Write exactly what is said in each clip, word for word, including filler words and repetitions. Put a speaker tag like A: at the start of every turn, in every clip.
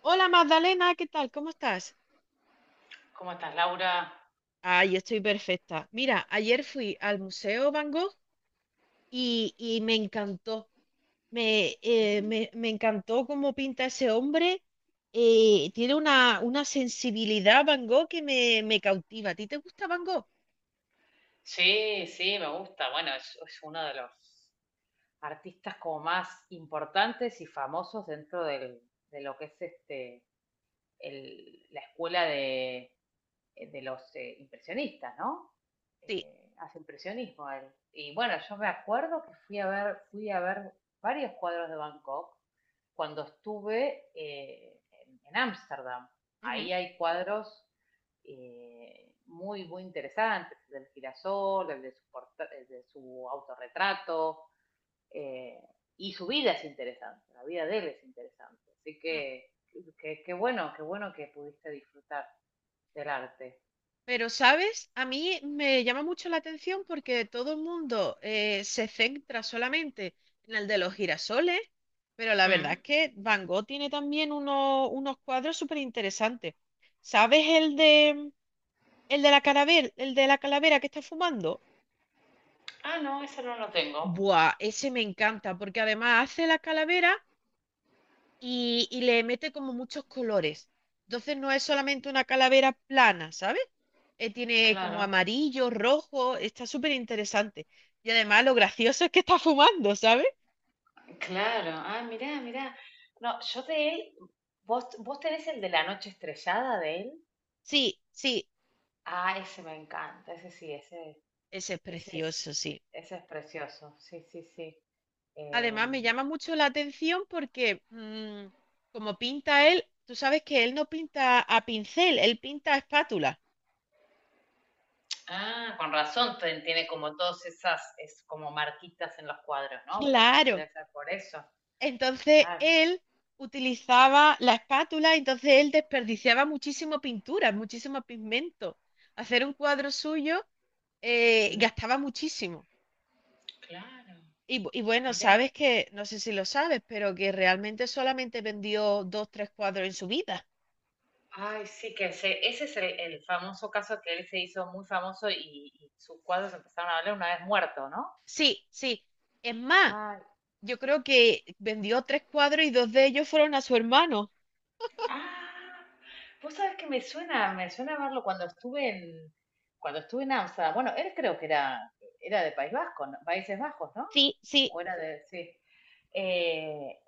A: Hola Magdalena, ¿qué tal? ¿Cómo estás?
B: ¿Cómo estás, Laura?
A: Ay, estoy perfecta. Mira, ayer fui al Museo Van Gogh y, y me encantó. Me, eh, me- me encantó cómo pinta ese hombre. Eh, tiene una, una sensibilidad Van Gogh que me, me cautiva. ¿A ti te gusta Van Gogh?
B: Sí, sí, me gusta. Bueno, es, es uno de los artistas como más importantes y famosos dentro del- de lo que es este el- la escuela de, de los eh, impresionistas, ¿no?
A: Sí.
B: Eh, hace impresionismo él. Y bueno, yo me acuerdo que fui a ver, fui a ver varios cuadros de Bangkok cuando estuve eh, en Ámsterdam.
A: Ujú.
B: Ahí hay cuadros eh, muy, muy interesantes, del girasol, el de su, el de su autorretrato, eh, y su vida es interesante, la vida de él es interesante. Así que qué bueno, qué bueno que pudiste disfrutar del arte.
A: Pero, ¿sabes? A mí me llama mucho la atención porque todo el mundo eh, se centra solamente en el de los girasoles, pero la verdad es
B: Hmm.
A: que Van Gogh tiene también uno- unos cuadros súper interesantes. ¿Sabes el de, el de la calavera, el de la calavera que está fumando?
B: Ah, no, eso no lo tengo.
A: Buah, ese me encanta porque además hace la calavera y, y le mete como muchos colores. Entonces no es solamente una calavera plana, ¿sabes? Eh, tiene como
B: Claro,
A: amarillo, rojo, está súper interesante. Y además lo gracioso es que está fumando, ¿sabes?
B: claro. Ah, mirá, mirá. No, yo de él, ¿vos, vos tenés el de la noche estrellada de él?
A: Sí, sí,
B: Ah, ese me encanta, ese sí, ese,
A: ese es
B: ese es,
A: precioso, sí.
B: ese es precioso, sí, sí, sí.
A: Además me
B: Em,
A: llama mucho la atención porque mm, como pinta él, tú sabes que él no pinta a pincel, él pinta a espátula.
B: ah, con razón, ten- tiene como todas esas, es como marquitas en los cuadros, ¿no? Por-
A: Claro.
B: debe ser por eso,
A: Entonces
B: claro.
A: él utilizaba la espátula, entonces él desperdiciaba muchísimo pintura, muchísimo pigmento. Hacer un cuadro suyo eh,
B: Mm,
A: gastaba muchísimo.
B: claro,
A: Y, bu- y bueno,
B: mira.
A: sabes que, no sé si lo sabes, pero que realmente solamente vendió dos, tres cuadros en su vida.
B: Ay, sí, que ese, ese es el, el famoso caso que él se hizo muy famoso y, y sus cuadros empezaron a valer una vez muerto, ¿no?
A: Sí, sí. Es más, yo creo que vendió tres cuadros y dos de ellos fueron a su hermano.
B: Ah, vos sabés que me suena, me suena verlo cuando estuve en, cuando estuve en Amsterdam. Bueno, él creo que era, era de País Vasco, ¿no? Países Bajos, ¿no?
A: Sí, sí.
B: O era de, sí. Eh,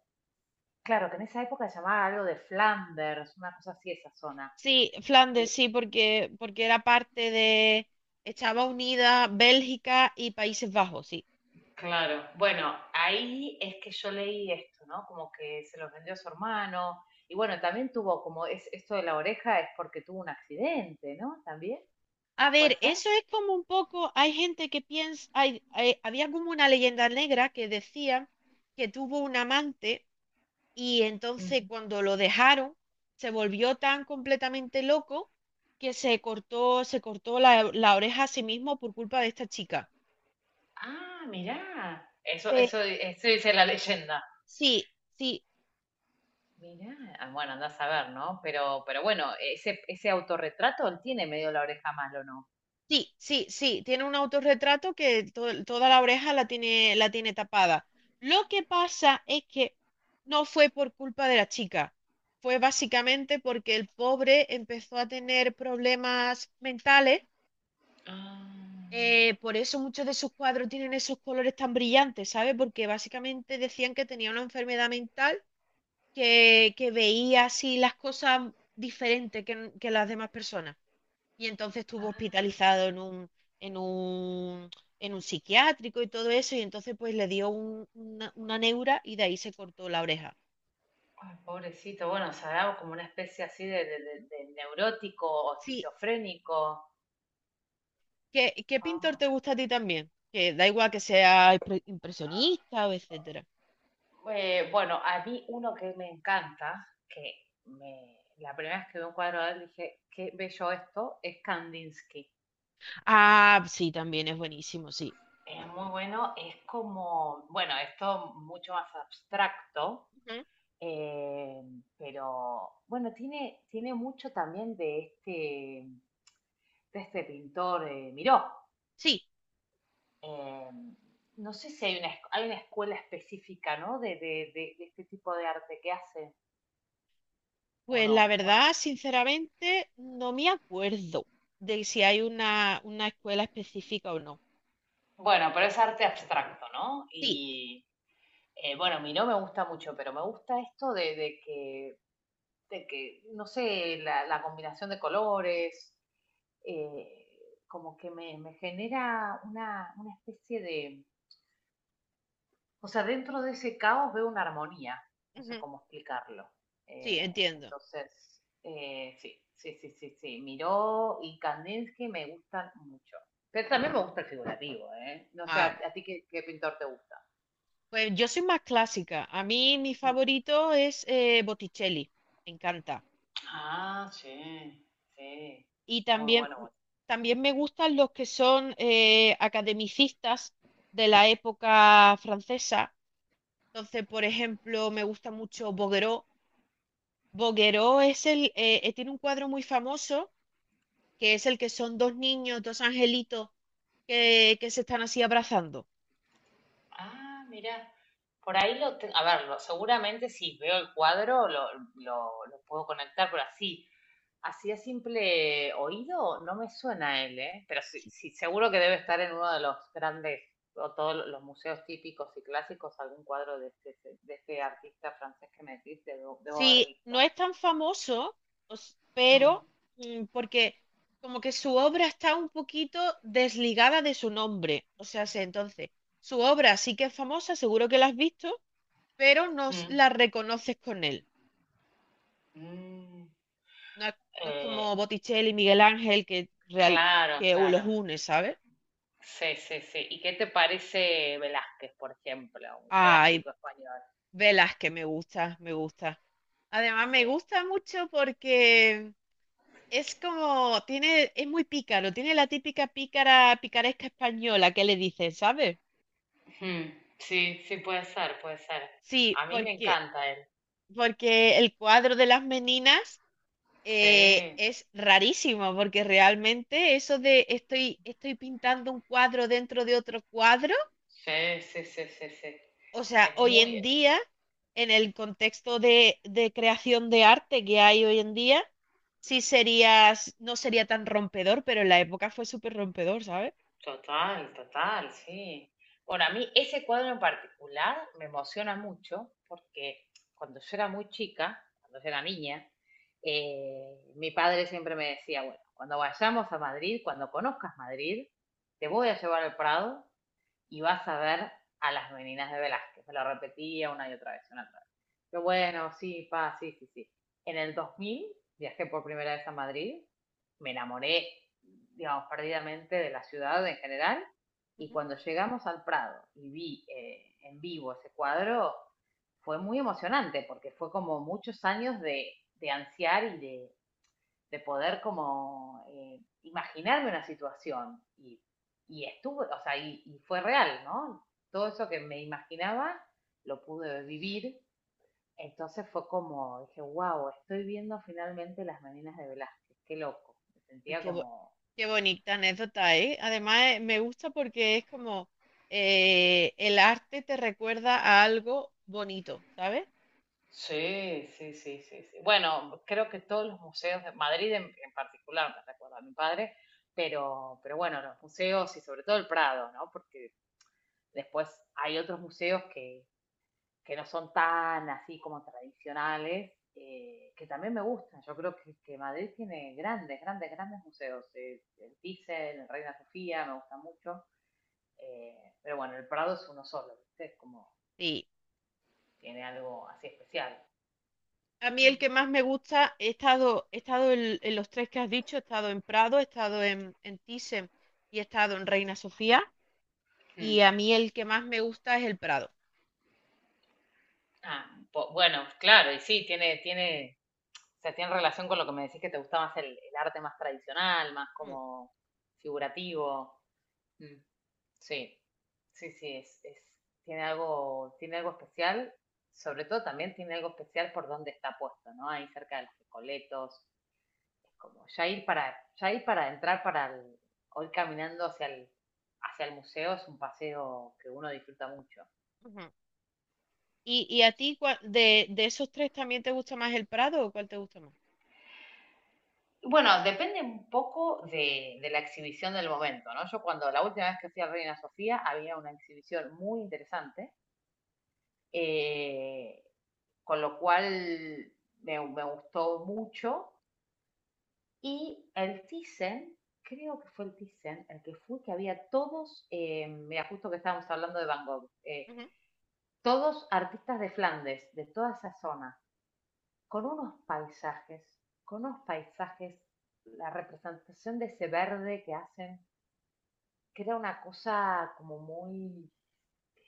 B: claro, que en esa época se llamaba algo de Flanders, una cosa así, esa zona.
A: Sí, Flandes, sí, porque, porque era parte de… Estaba unida Bélgica y Países Bajos, sí.
B: Claro, bueno, ahí es que yo leí esto, ¿no? Como que se los vendió a su hermano. Y bueno, también tuvo como es, esto de la oreja es porque tuvo un accidente, ¿no? También,
A: A
B: ¿puede
A: ver,
B: ser?
A: eso es como un poco, hay gente que piensa, hay, hay- había como una leyenda negra que decía que tuvo un amante y entonces cuando lo dejaron se volvió tan completamente loco que se cortó, se cortó la, la oreja a sí mismo por culpa de esta chica.
B: Ah, mirá. Eso,
A: Pe-
B: eso, eso dice la leyenda.
A: sí, sí.
B: Mirá, ah, bueno, andás a ver, ¿no? Pero, pero bueno, ese, ese autorretrato él tiene medio la oreja mal, ¿o no?
A: Sí, sí, sí, tiene un autorretrato que to- toda la oreja la tiene, la tiene tapada. Lo que pasa es que no fue por culpa de la chica, fue básicamente porque el pobre empezó a tener problemas mentales,
B: Ah,
A: eh, por eso muchos de sus cuadros tienen esos colores tan brillantes, ¿sabes? Porque básicamente decían que tenía una enfermedad mental que, que veía así las cosas diferentes que que las demás personas y entonces estuvo
B: ah,
A: hospitalizado en un, en un, en un psiquiátrico y todo eso, y entonces pues le dio un- una, una neura y de ahí se cortó la oreja.
B: ay, pobrecito. Bueno, será como una especie así de, de- de- de neurótico o
A: Sí,
B: esquizofrénico.
A: ¿qué, qué pintor
B: Ah.
A: te gusta a ti también? Que da igual que sea impre- impresionista o etcétera.
B: Eh, bueno, a mí uno que me encanta, que me, la primera vez que vi un cuadro de él dije, qué bello esto, es Kandinsky.
A: Ah, sí, también es buenísimo, sí.
B: Es muy bueno, es como, bueno, esto mucho más abstracto,
A: Ujú.
B: eh, pero bueno, tiene, tiene mucho también de este, de este pintor eh, Miró.
A: Sí,
B: Eh, no sé si hay una, esc- hay una escuela específica, ¿no? De, de- de- de este tipo de arte que hace o
A: pues la
B: no. O no
A: verdad,
B: sé.
A: sinceramente, no me acuerdo de si hay una, una escuela específica o no.
B: Bueno, pero es arte abstracto, ¿no?
A: Sí,
B: Y eh, bueno, Miró me gusta mucho, pero me gusta esto de, de que, de que, no sé, la, la combinación de colores, eh, como que me, me genera una, una especie de, o sea, dentro de ese caos veo una armonía, no sé
A: ujú.
B: cómo explicarlo.
A: Sí,
B: Eh,
A: entiendo.
B: entonces, eh, sí, sí, sí, sí, sí, Miró y Kandinsky me gustan mucho. Pero también me gusta el figurativo, ¿eh? No sé,
A: Ah,
B: ¿a, a ti qué, qué pintor te gusta?
A: pues yo soy más clásica. A mí mi favorito es eh, Botticelli, me encanta.
B: Ah, sí, sí,
A: Y
B: muy
A: también,
B: bueno, bueno.
A: también me gustan los que son eh, academicistas de la época francesa. Entonces, por ejemplo, me gusta mucho Bouguereau. Bouguereau es el, eh, eh, tiene un cuadro muy famoso, que es el que son dos niños, dos angelitos que, que se están así abrazando.
B: Ah, mira, por ahí lo tengo, a ver, lo- seguramente si veo el cuadro lo, lo- lo puedo conectar, pero así, así a simple oído no me suena él, ¿eh? Pero sí, sí, seguro que debe estar en uno de los grandes, o todos lo- los museos típicos y clásicos, algún cuadro de este, de este artista francés que me decís, debo, debo haber
A: Sí, no
B: visto.
A: es tan famoso, o s-
B: Mm,
A: pero mm, porque como que su obra está un poquito desligada de su nombre. O sea, se- entonces, su obra sí que es famosa, seguro que la has visto, pero no s-
B: mm,
A: la reconoces con él.
B: mm.
A: No es, no es
B: Eh,
A: como Botticelli, Miguel Ángel, que, real,
B: claro,
A: que u- los
B: claro.
A: une, ¿sabes?
B: Sí, sí, sí. ¿Y qué te parece Velázquez, por ejemplo, un
A: Ay,
B: clásico español?
A: Velázquez, me gusta, me gusta. Además, me
B: Sí.
A: gusta mucho porque es como, tiene, es muy pícaro, tiene la típica pícara, picaresca española que le dicen, ¿sabes?
B: Ujú. Sí, sí, puede ser, puede ser.
A: Sí,
B: A mí me
A: porque,
B: encanta él.
A: porque el cuadro de las meninas eh,
B: Sí,
A: es rarísimo, porque realmente eso de estoy, estoy pintando un cuadro dentro de otro cuadro,
B: sí, sí, sí, sí, sí.
A: o sea,
B: Es
A: hoy
B: muy
A: en día, en el contexto de, de creación de arte que hay hoy en día, sí sería, no sería tan rompedor, pero en la época fue súper rompedor, ¿sabes?
B: total, total, sí. Bueno, a mí ese cuadro en particular me emociona mucho porque cuando yo era muy chica, cuando yo era niña, eh, mi padre siempre me decía, bueno, cuando vayamos a Madrid, cuando conozcas Madrid, te voy a llevar al Prado y vas a ver a las meninas de Velázquez. Me lo repetía una y otra vez, una y otra vez. Yo, bueno, sí, pa, sí, sí, sí. En el dos mil viajé por primera vez a Madrid, me enamoré, digamos, perdidamente de la ciudad en general, y cuando llegamos al Prado y vi eh, en vivo ese cuadro, fue muy emocionante, porque fue como muchos años de, de ansiar y de, de poder como eh, imaginarme una situación. Y, y estuvo, o sea, y, y fue real, ¿no? Todo eso que me imaginaba lo pude vivir. Entonces fue como, dije, wow, estoy viendo finalmente las meninas de Velázquez, qué loco. Me
A: Uy,
B: sentía
A: Qué, bo-
B: como.
A: qué bonita anécdota, ¿eh? Además, eh, me gusta porque es como eh, el arte te recuerda a algo bonito, ¿sabes?
B: Sí, sí, sí, sí, sí. Bueno, creo que todos los museos de Madrid en, en particular, me recuerda a mi padre, pero, pero bueno, los museos y sobre todo el Prado, ¿no? Porque después hay otros museos que, que no son tan así como tradicionales, eh, que también me gustan. Yo creo que, que Madrid tiene grandes, grandes, grandes museos. Eh, el Thyssen, el Reina Sofía, me gusta mucho. Eh, pero bueno, el Prado es uno solo, ¿viste? Es como
A: Sí.
B: tiene algo así especial.
A: A mí el que más me gusta, he estado, he estado en, en los tres que has dicho, he estado en Prado, he estado en, en Thyssen y he estado en Reina Sofía.
B: Mm.
A: Y a mí el que más me gusta es el Prado.
B: Ah, po- bueno, claro, y sí, tiene, tiene, o sea, tiene relación con lo que me decís que te gusta más el, el arte más tradicional, más
A: Mm,
B: como figurativo. Mm. Sí, sí, sí, es, es- tiene algo, tiene algo especial, sobre todo también tiene algo especial por donde está puesto, ¿no? Ahí cerca de los Recoletos, es como ya ir para, ya ir para entrar para el, o ir caminando hacia el, hacia el museo es un paseo que uno disfruta mucho.
A: ujú. ¿Y, y a ti cua- de, de esos tres también te gusta más el Prado o cuál te gusta más?
B: Y bueno, depende un poco de, de la exhibición del momento, ¿no? Yo cuando la última vez que fui a Reina Sofía había una exhibición muy interesante, eh, con lo cual me, me gustó mucho. Y el Thyssen, creo que fue el Thyssen, el que fue, que había todos, eh, mira, justo que estábamos hablando de Van Gogh, eh,
A: Ujú,
B: todos artistas de Flandes, de toda esa zona, con unos paisajes, con unos paisajes, la representación de ese verde que hacen, que era una cosa como muy,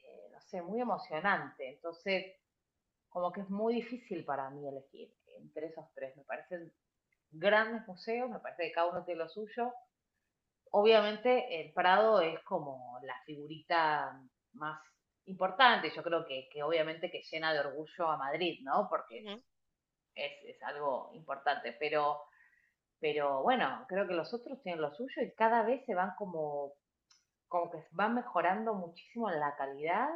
B: eh, no sé, muy emocionante. Entonces, como que es muy difícil para mí elegir entre esos tres. Me parecen grandes museos, me parece que cada uno tiene lo suyo. Obviamente el Prado es como la figurita más importante, yo creo que, que obviamente que llena de orgullo a Madrid, ¿no? Porque es,
A: ujú.
B: es, es algo importante, pero, pero bueno, creo que los otros tienen lo suyo y cada vez se van como, como que van mejorando muchísimo en la calidad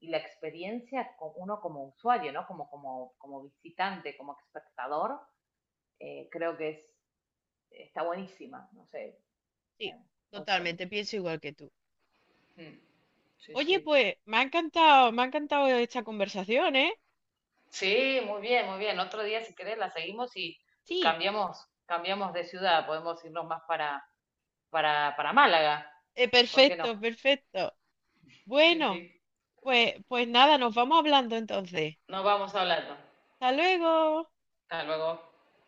B: y la experiencia con uno como usuario, ¿no? Como, como, como visitante, como espectador, eh, creo que es, está buenísima, no sé,
A: Sí,
B: eh, me gustó
A: totalmente,
B: mucho.
A: pienso igual que tú.
B: Mm, sí, sí.
A: Oye, pues me ha encantado, me ha encantado esta conversación, ¿eh?
B: Sí, muy bien, muy bien. Otro día, si querés, la seguimos y, y
A: Sí,
B: cambiamos, cambiamos de ciudad. Podemos irnos más para, para, para Málaga.
A: eh,
B: ¿Por qué no?
A: perfecto, perfecto.
B: Sí,
A: Bueno,
B: sí.
A: pues, pues nada, nos vamos hablando entonces.
B: Nos vamos hablando.
A: Hasta luego.
B: Hasta luego.